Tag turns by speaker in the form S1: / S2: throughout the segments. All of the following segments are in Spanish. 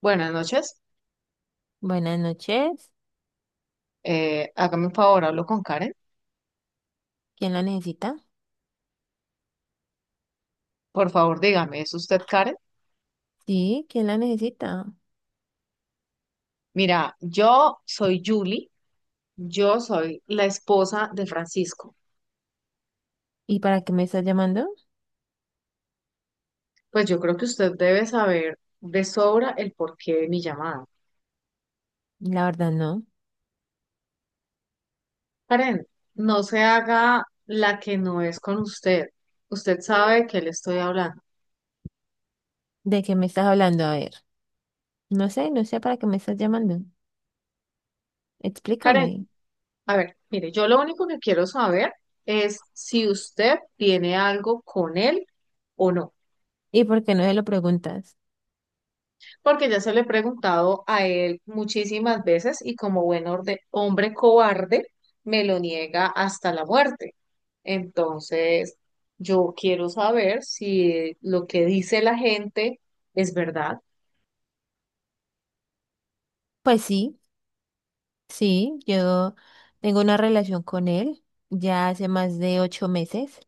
S1: Buenas noches.
S2: Buenas noches.
S1: Hágame un favor, hablo con Karen.
S2: ¿Quién la necesita?
S1: Por favor, dígame, ¿es usted Karen?
S2: Sí, ¿quién la necesita?
S1: Mira, yo soy Julie, yo soy la esposa de Francisco.
S2: ¿Y para qué me estás llamando?
S1: Pues yo creo que usted debe saber de sobra el porqué de mi llamada.
S2: La verdad no.
S1: Karen, no se haga la que no es con usted. Usted sabe de qué le estoy hablando.
S2: ¿De qué me estás hablando? A ver. No sé, no sé para qué me estás llamando. Explícame.
S1: Karen, a ver, mire, yo lo único que quiero saber es si usted tiene algo con él o no.
S2: ¿Y por qué no me lo preguntas?
S1: Porque ya se le he preguntado a él muchísimas veces y como hombre cobarde me lo niega hasta la muerte. Entonces, yo quiero saber si lo que dice la gente es verdad.
S2: Pues sí, sí, yo tengo una relación con él ya hace más de 8 meses.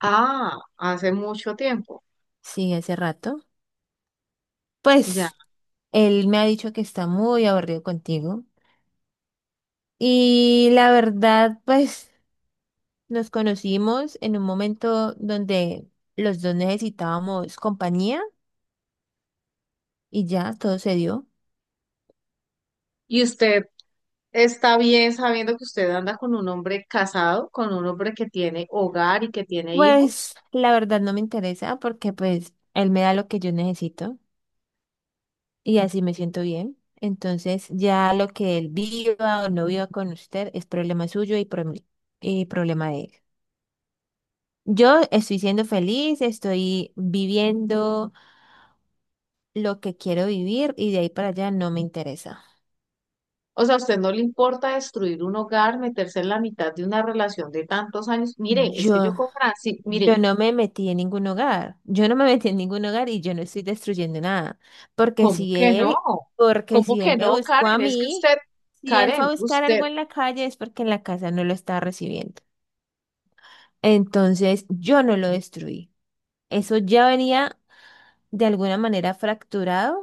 S1: Ah, hace mucho tiempo,
S2: Sí, hace rato.
S1: ya.
S2: Pues él me ha dicho que está muy aburrido contigo. Y la verdad, pues... Nos conocimos en un momento donde los dos necesitábamos compañía y ya todo se dio.
S1: ¿Y usted está bien sabiendo que usted anda con un hombre casado, con un hombre que tiene hogar y que tiene hijos?
S2: Pues la verdad no me interesa porque pues él me da lo que yo necesito y así me siento bien. Entonces ya lo que él viva o no viva con usted es problema suyo y, y problema de él. Yo estoy siendo feliz, estoy viviendo lo que quiero vivir y de ahí para allá no me interesa.
S1: O sea, a usted no le importa destruir un hogar, meterse en la mitad de una relación de tantos años. Mire, es que
S2: Yo
S1: yo con Francis,
S2: Yo
S1: mire,
S2: no me metí en ningún hogar, yo no me metí en ningún hogar y yo no estoy destruyendo nada, porque
S1: ¿cómo
S2: si
S1: que no?
S2: él, porque
S1: ¿Cómo
S2: si él
S1: que
S2: me
S1: no,
S2: buscó a
S1: Karen? Es que usted,
S2: mí, si él fue
S1: Karen,
S2: a buscar
S1: usted,
S2: algo en la calle es porque en la casa no lo estaba recibiendo. Entonces yo no lo destruí. Eso ya venía de alguna manera fracturado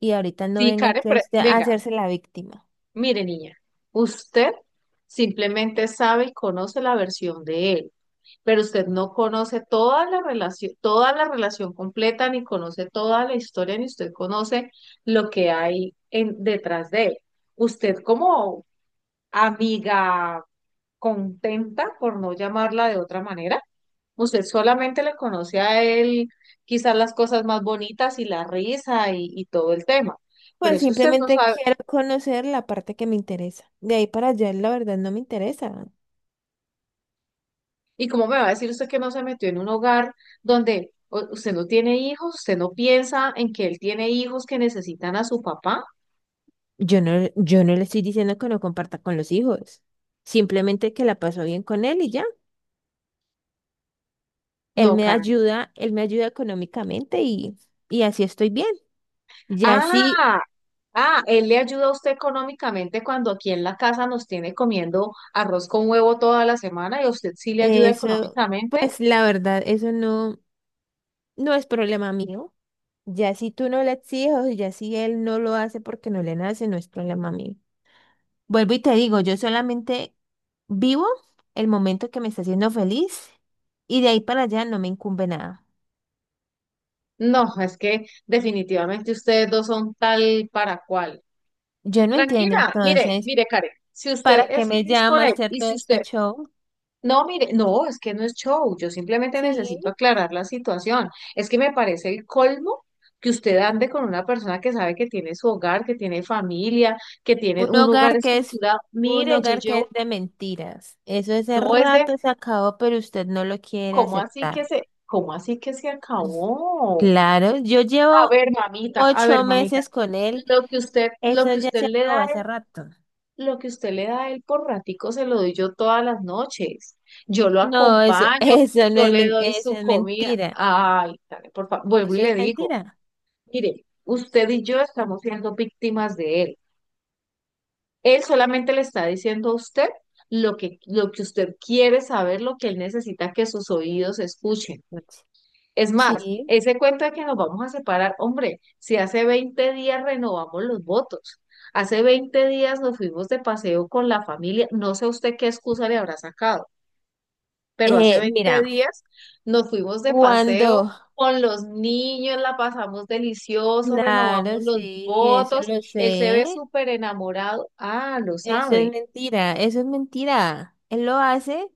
S2: y ahorita no
S1: sí,
S2: venga
S1: Karen,
S2: aquí a usted a
S1: venga,
S2: hacerse la víctima.
S1: mire, niña, usted simplemente sabe y conoce la versión de él, pero usted no conoce toda la relación completa, ni conoce toda la historia, ni usted conoce lo que hay en, detrás de él. Usted como amiga contenta, por no llamarla de otra manera. Usted solamente le conoce a él quizás las cosas más bonitas y la risa y todo el tema, pero
S2: Pues
S1: es que usted no
S2: simplemente
S1: sabe.
S2: quiero conocer la parte que me interesa. De ahí para allá, la verdad, no me interesa.
S1: ¿Y cómo me va a decir usted que no se metió en un hogar donde usted no tiene hijos, usted no piensa en que él tiene hijos que necesitan a su papá?
S2: Yo no, yo no le estoy diciendo que no comparta con los hijos, simplemente que la pasó bien con él y ya.
S1: No, Karen.
S2: Él me ayuda económicamente y así estoy bien. Ya sí,
S1: Ah, ah, él le ayuda a usted económicamente cuando aquí en la casa nos tiene comiendo arroz con huevo toda la semana y a usted sí le ayuda
S2: eso,
S1: económicamente.
S2: pues la verdad, eso no, no es problema mío. Ya si tú no le exiges, ya si él no lo hace porque no le nace, no es problema mío. Vuelvo y te digo, yo solamente vivo el momento que me está haciendo feliz y de ahí para allá no me incumbe nada.
S1: No, es que definitivamente ustedes dos son tal para cual.
S2: Yo no entiendo
S1: Tranquila, mire,
S2: entonces.
S1: mire, Karen, si usted
S2: ¿Para qué
S1: es
S2: me
S1: feliz con
S2: llama
S1: él
S2: hacer
S1: y
S2: todo
S1: si
S2: este
S1: usted.
S2: show?
S1: No, mire, no, es que no es show, yo simplemente
S2: Sí,
S1: necesito aclarar la situación. Es que me parece el colmo que usted ande con una persona que sabe que tiene su hogar, que tiene familia, que tiene
S2: un
S1: un hogar
S2: hogar que es
S1: estructurado.
S2: un
S1: Mire, yo
S2: hogar que es
S1: llevo,
S2: de mentiras. Eso ese
S1: no es de,
S2: rato se acabó, pero usted no lo quiere
S1: ¿cómo así que
S2: aceptar.
S1: se, cómo así que se acabó?
S2: Claro, yo llevo
S1: A ver,
S2: ocho
S1: mamita,
S2: meses con él.
S1: lo
S2: Eso
S1: que
S2: ya
S1: usted
S2: se
S1: le
S2: acabó
S1: da.
S2: hace rato.
S1: Lo que usted le da a él por ratico se lo doy yo todas las noches. Yo lo
S2: No, eso,
S1: acompaño,
S2: eso no
S1: yo
S2: es,
S1: le doy
S2: eso
S1: su
S2: es
S1: comida.
S2: mentira.
S1: Ay, Karen, por favor, vuelvo y
S2: Eso
S1: le
S2: es
S1: digo,
S2: mentira.
S1: mire, usted y yo estamos siendo víctimas de él. Él solamente le está diciendo a usted lo que usted quiere saber, lo que él necesita que sus oídos escuchen. Es más,
S2: Sí.
S1: ese cuento de que nos vamos a separar, hombre, si hace 20 días renovamos los votos, hace 20 días nos fuimos de paseo con la familia, no sé usted qué excusa le habrá sacado, pero hace 20
S2: Mira,
S1: días nos fuimos de paseo
S2: cuando,
S1: con los niños, la pasamos delicioso, renovamos
S2: claro,
S1: los
S2: sí, eso
S1: votos,
S2: lo
S1: él se
S2: sé.
S1: ve súper enamorado, ah, lo
S2: Eso es
S1: sabe,
S2: mentira, eso es mentira. Él lo hace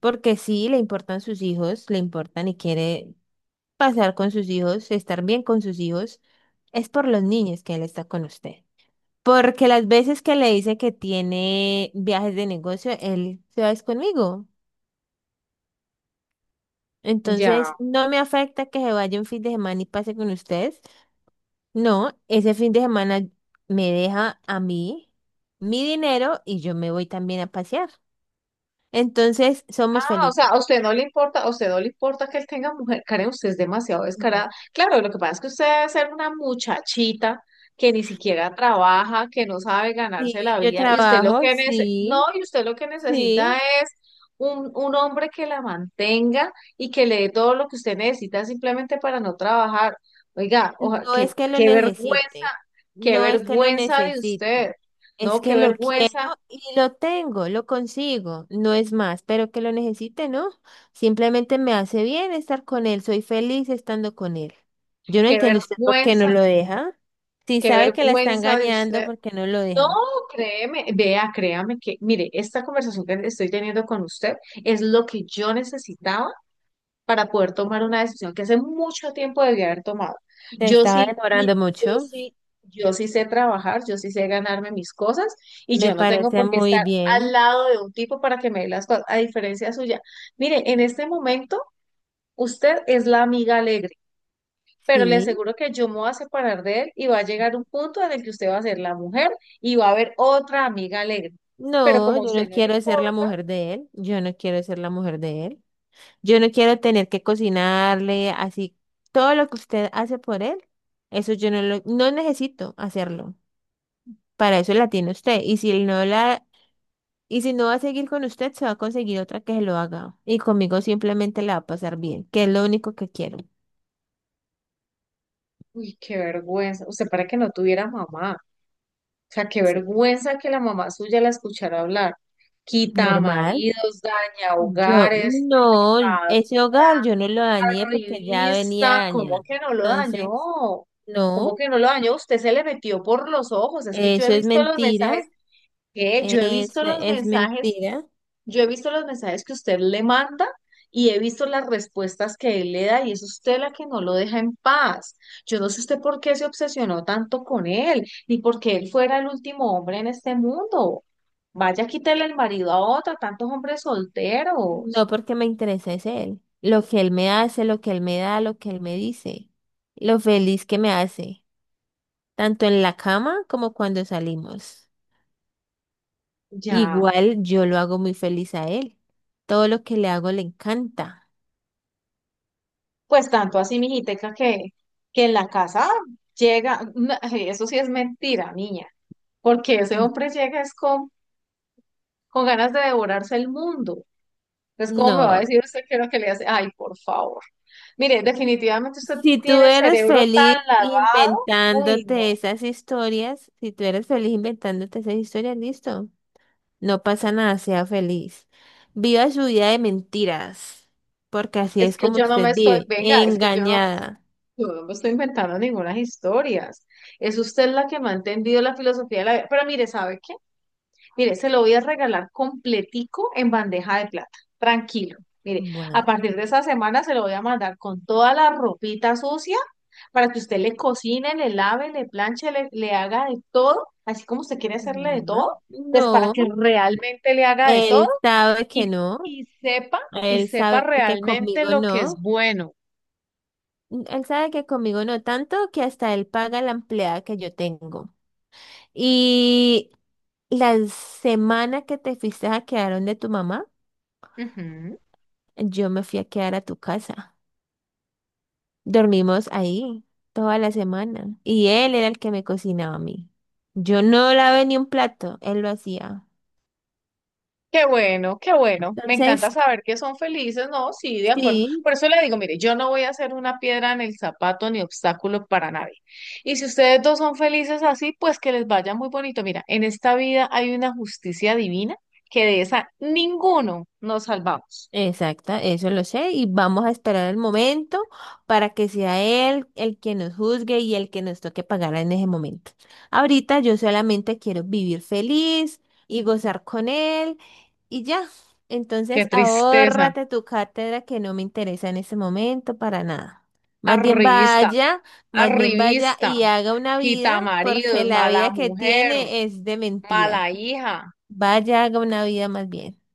S2: porque sí, le importan sus hijos, le importan y quiere pasar con sus hijos, estar bien con sus hijos. Es por los niños que él está con usted. Porque las veces que le dice que tiene viajes de negocio, él se va es conmigo. Entonces,
S1: ya.
S2: no me afecta que se vaya un fin de semana y pase con ustedes. No, ese fin de semana me deja a mí mi dinero y yo me voy también a pasear. Entonces, somos
S1: Ah, o sea,
S2: felices.
S1: a usted no le importa, a usted no le importa que él tenga mujer, Karen, usted es demasiado
S2: Ujú.
S1: descarada. Claro, lo que pasa es que usted debe ser una muchachita que ni siquiera trabaja, que no sabe ganarse la
S2: Sí, yo
S1: vida, y usted lo
S2: trabajo,
S1: que no,
S2: sí,
S1: y usted lo que necesita
S2: sí.
S1: es un hombre que la mantenga y que le dé todo lo que usted necesita simplemente para no trabajar. Oiga,
S2: No es que lo necesite,
S1: qué
S2: no es que lo
S1: vergüenza de
S2: necesite.
S1: usted,
S2: Es
S1: ¿no? Qué
S2: que lo quiero
S1: vergüenza,
S2: y lo tengo, lo consigo. No es más, pero que lo necesite, ¿no? Simplemente me hace bien estar con él. Soy feliz estando con él. Yo no
S1: qué
S2: entiendo usted por qué no
S1: vergüenza,
S2: lo deja. Si
S1: qué
S2: sabe que la está
S1: vergüenza de
S2: engañando,
S1: usted.
S2: ¿por qué no lo
S1: No,
S2: deja?
S1: créeme, vea, créame que, mire, esta conversación que estoy teniendo con usted es lo que yo necesitaba para poder tomar una decisión que hace mucho tiempo debía haber tomado.
S2: Te
S1: Yo
S2: estaba
S1: sí, mire,
S2: demorando
S1: yo
S2: mucho.
S1: sí, yo sí sé trabajar, yo sí sé ganarme mis cosas y
S2: Me
S1: yo no tengo
S2: parece
S1: por qué
S2: muy
S1: estar al
S2: bien,
S1: lado de un tipo para que me dé las cosas, a diferencia suya. Mire, en este momento, usted es la amiga alegre pero le
S2: sí.
S1: aseguro que yo me voy a separar de él y va a llegar un punto en el que usted va a ser la mujer y va a haber otra amiga alegre. Pero
S2: No,
S1: como a
S2: yo
S1: usted
S2: no
S1: no le
S2: quiero ser la
S1: importa,
S2: mujer de él. Yo no quiero ser la mujer de él. Yo no quiero tener que cocinarle así. Todo lo que usted hace por él, eso yo no lo, no necesito hacerlo. Para eso la tiene usted. Y si no va a seguir con usted, se va a conseguir otra que se lo haga. Y conmigo simplemente la va a pasar bien, que es lo único que quiero.
S1: uy, qué vergüenza. Usted para que no tuviera mamá. O sea, qué vergüenza que la mamá suya la escuchara hablar. Quita
S2: Normal.
S1: maridos, daña
S2: Yo,
S1: hogares,
S2: no,
S1: tapadora,
S2: ese hogar yo no lo dañé porque ya venía
S1: revista. ¿Cómo
S2: dañado.
S1: que no lo
S2: Entonces,
S1: dañó? ¿Cómo
S2: no,
S1: que no lo dañó? Usted se le metió por los ojos. Es que yo he
S2: eso es
S1: visto los mensajes.
S2: mentira.
S1: ¿Qué? Yo he visto los
S2: Es
S1: mensajes.
S2: mentira.
S1: Yo he visto los mensajes que usted le manda y he visto las respuestas que él le da y es usted la que no lo deja en paz. Yo no sé usted por qué se obsesionó tanto con él, ni por qué él fuera el último hombre en este mundo. Vaya, quítale el marido a otra, tantos hombres
S2: No
S1: solteros.
S2: porque me interesa es él. Lo que él me hace, lo que él me da, lo que él me dice. Lo feliz que me hace. Tanto en la cama como cuando salimos.
S1: Ya,
S2: Igual yo lo hago muy feliz a él. Todo lo que le hago le encanta.
S1: pues tanto así, mijiteca, que en la casa llega, no, eso sí es mentira, niña, porque ese
S2: Mm.
S1: hombre llega es con ganas de devorarse el mundo. Entonces, ¿cómo me va a
S2: No,
S1: decir usted qué es lo que le hace? Ay, por favor. Mire, definitivamente usted
S2: si tú
S1: tiene el
S2: eres
S1: cerebro tan
S2: feliz
S1: lavado. Uy, no.
S2: inventándote esas historias, si tú eres feliz inventándote esas historias, listo. No pasa nada, sea feliz. Viva su vida de mentiras, porque así
S1: Es
S2: es
S1: que
S2: como
S1: yo no
S2: usted
S1: me estoy,
S2: vive,
S1: venga, es que
S2: engañada.
S1: yo no me estoy inventando ninguna historias. Es usted la que me ha entendido la filosofía de la vida. Pero mire, ¿sabe? Mire, se lo voy a regalar completico en bandeja de plata. Tranquilo. Mire, a
S2: Bueno,
S1: partir de esa semana se lo voy a mandar con toda la ropita sucia para que usted le cocine, le lave, le planche, le haga de todo, así como usted quiere
S2: ujú.
S1: hacerle de todo, pues para
S2: No,
S1: que realmente le haga de todo
S2: él sabe que
S1: y,
S2: no,
S1: y sepa, y
S2: él
S1: sepa
S2: sabe que
S1: realmente
S2: conmigo
S1: lo que es
S2: no,
S1: bueno.
S2: él sabe que conmigo no, tanto que hasta él paga la empleada que yo tengo. Y la semana que te fuiste a quedar donde tu mamá,
S1: Ujú.
S2: yo me fui a quedar a tu casa. Dormimos ahí toda la semana y él era el que me cocinaba a mí. Yo no lavé ni un plato, él lo hacía.
S1: Qué bueno, qué bueno. Me encanta
S2: Entonces,
S1: saber que son felices, ¿no? Sí, de acuerdo.
S2: sí.
S1: Por eso le digo, mire, yo no voy a ser una piedra en el zapato ni obstáculo para nadie. Y si ustedes dos son felices así, pues que les vaya muy bonito. Mira, en esta vida hay una justicia divina que de esa ninguno nos salvamos.
S2: Exacta, eso lo sé y vamos a esperar el momento para que sea él el que nos juzgue y el que nos toque pagar en ese momento. Ahorita yo solamente quiero vivir feliz y gozar con él y ya.
S1: Qué
S2: Entonces
S1: tristeza.
S2: ahórrate tu cátedra que no me interesa en ese momento para nada. Más bien
S1: Arribista,
S2: vaya, más bien vaya
S1: arribista,
S2: y haga una
S1: quita
S2: vida
S1: maridos,
S2: porque la
S1: mala
S2: vida que
S1: mujer,
S2: tiene es de
S1: mala
S2: mentira.
S1: hija.
S2: Vaya, haga una vida más bien.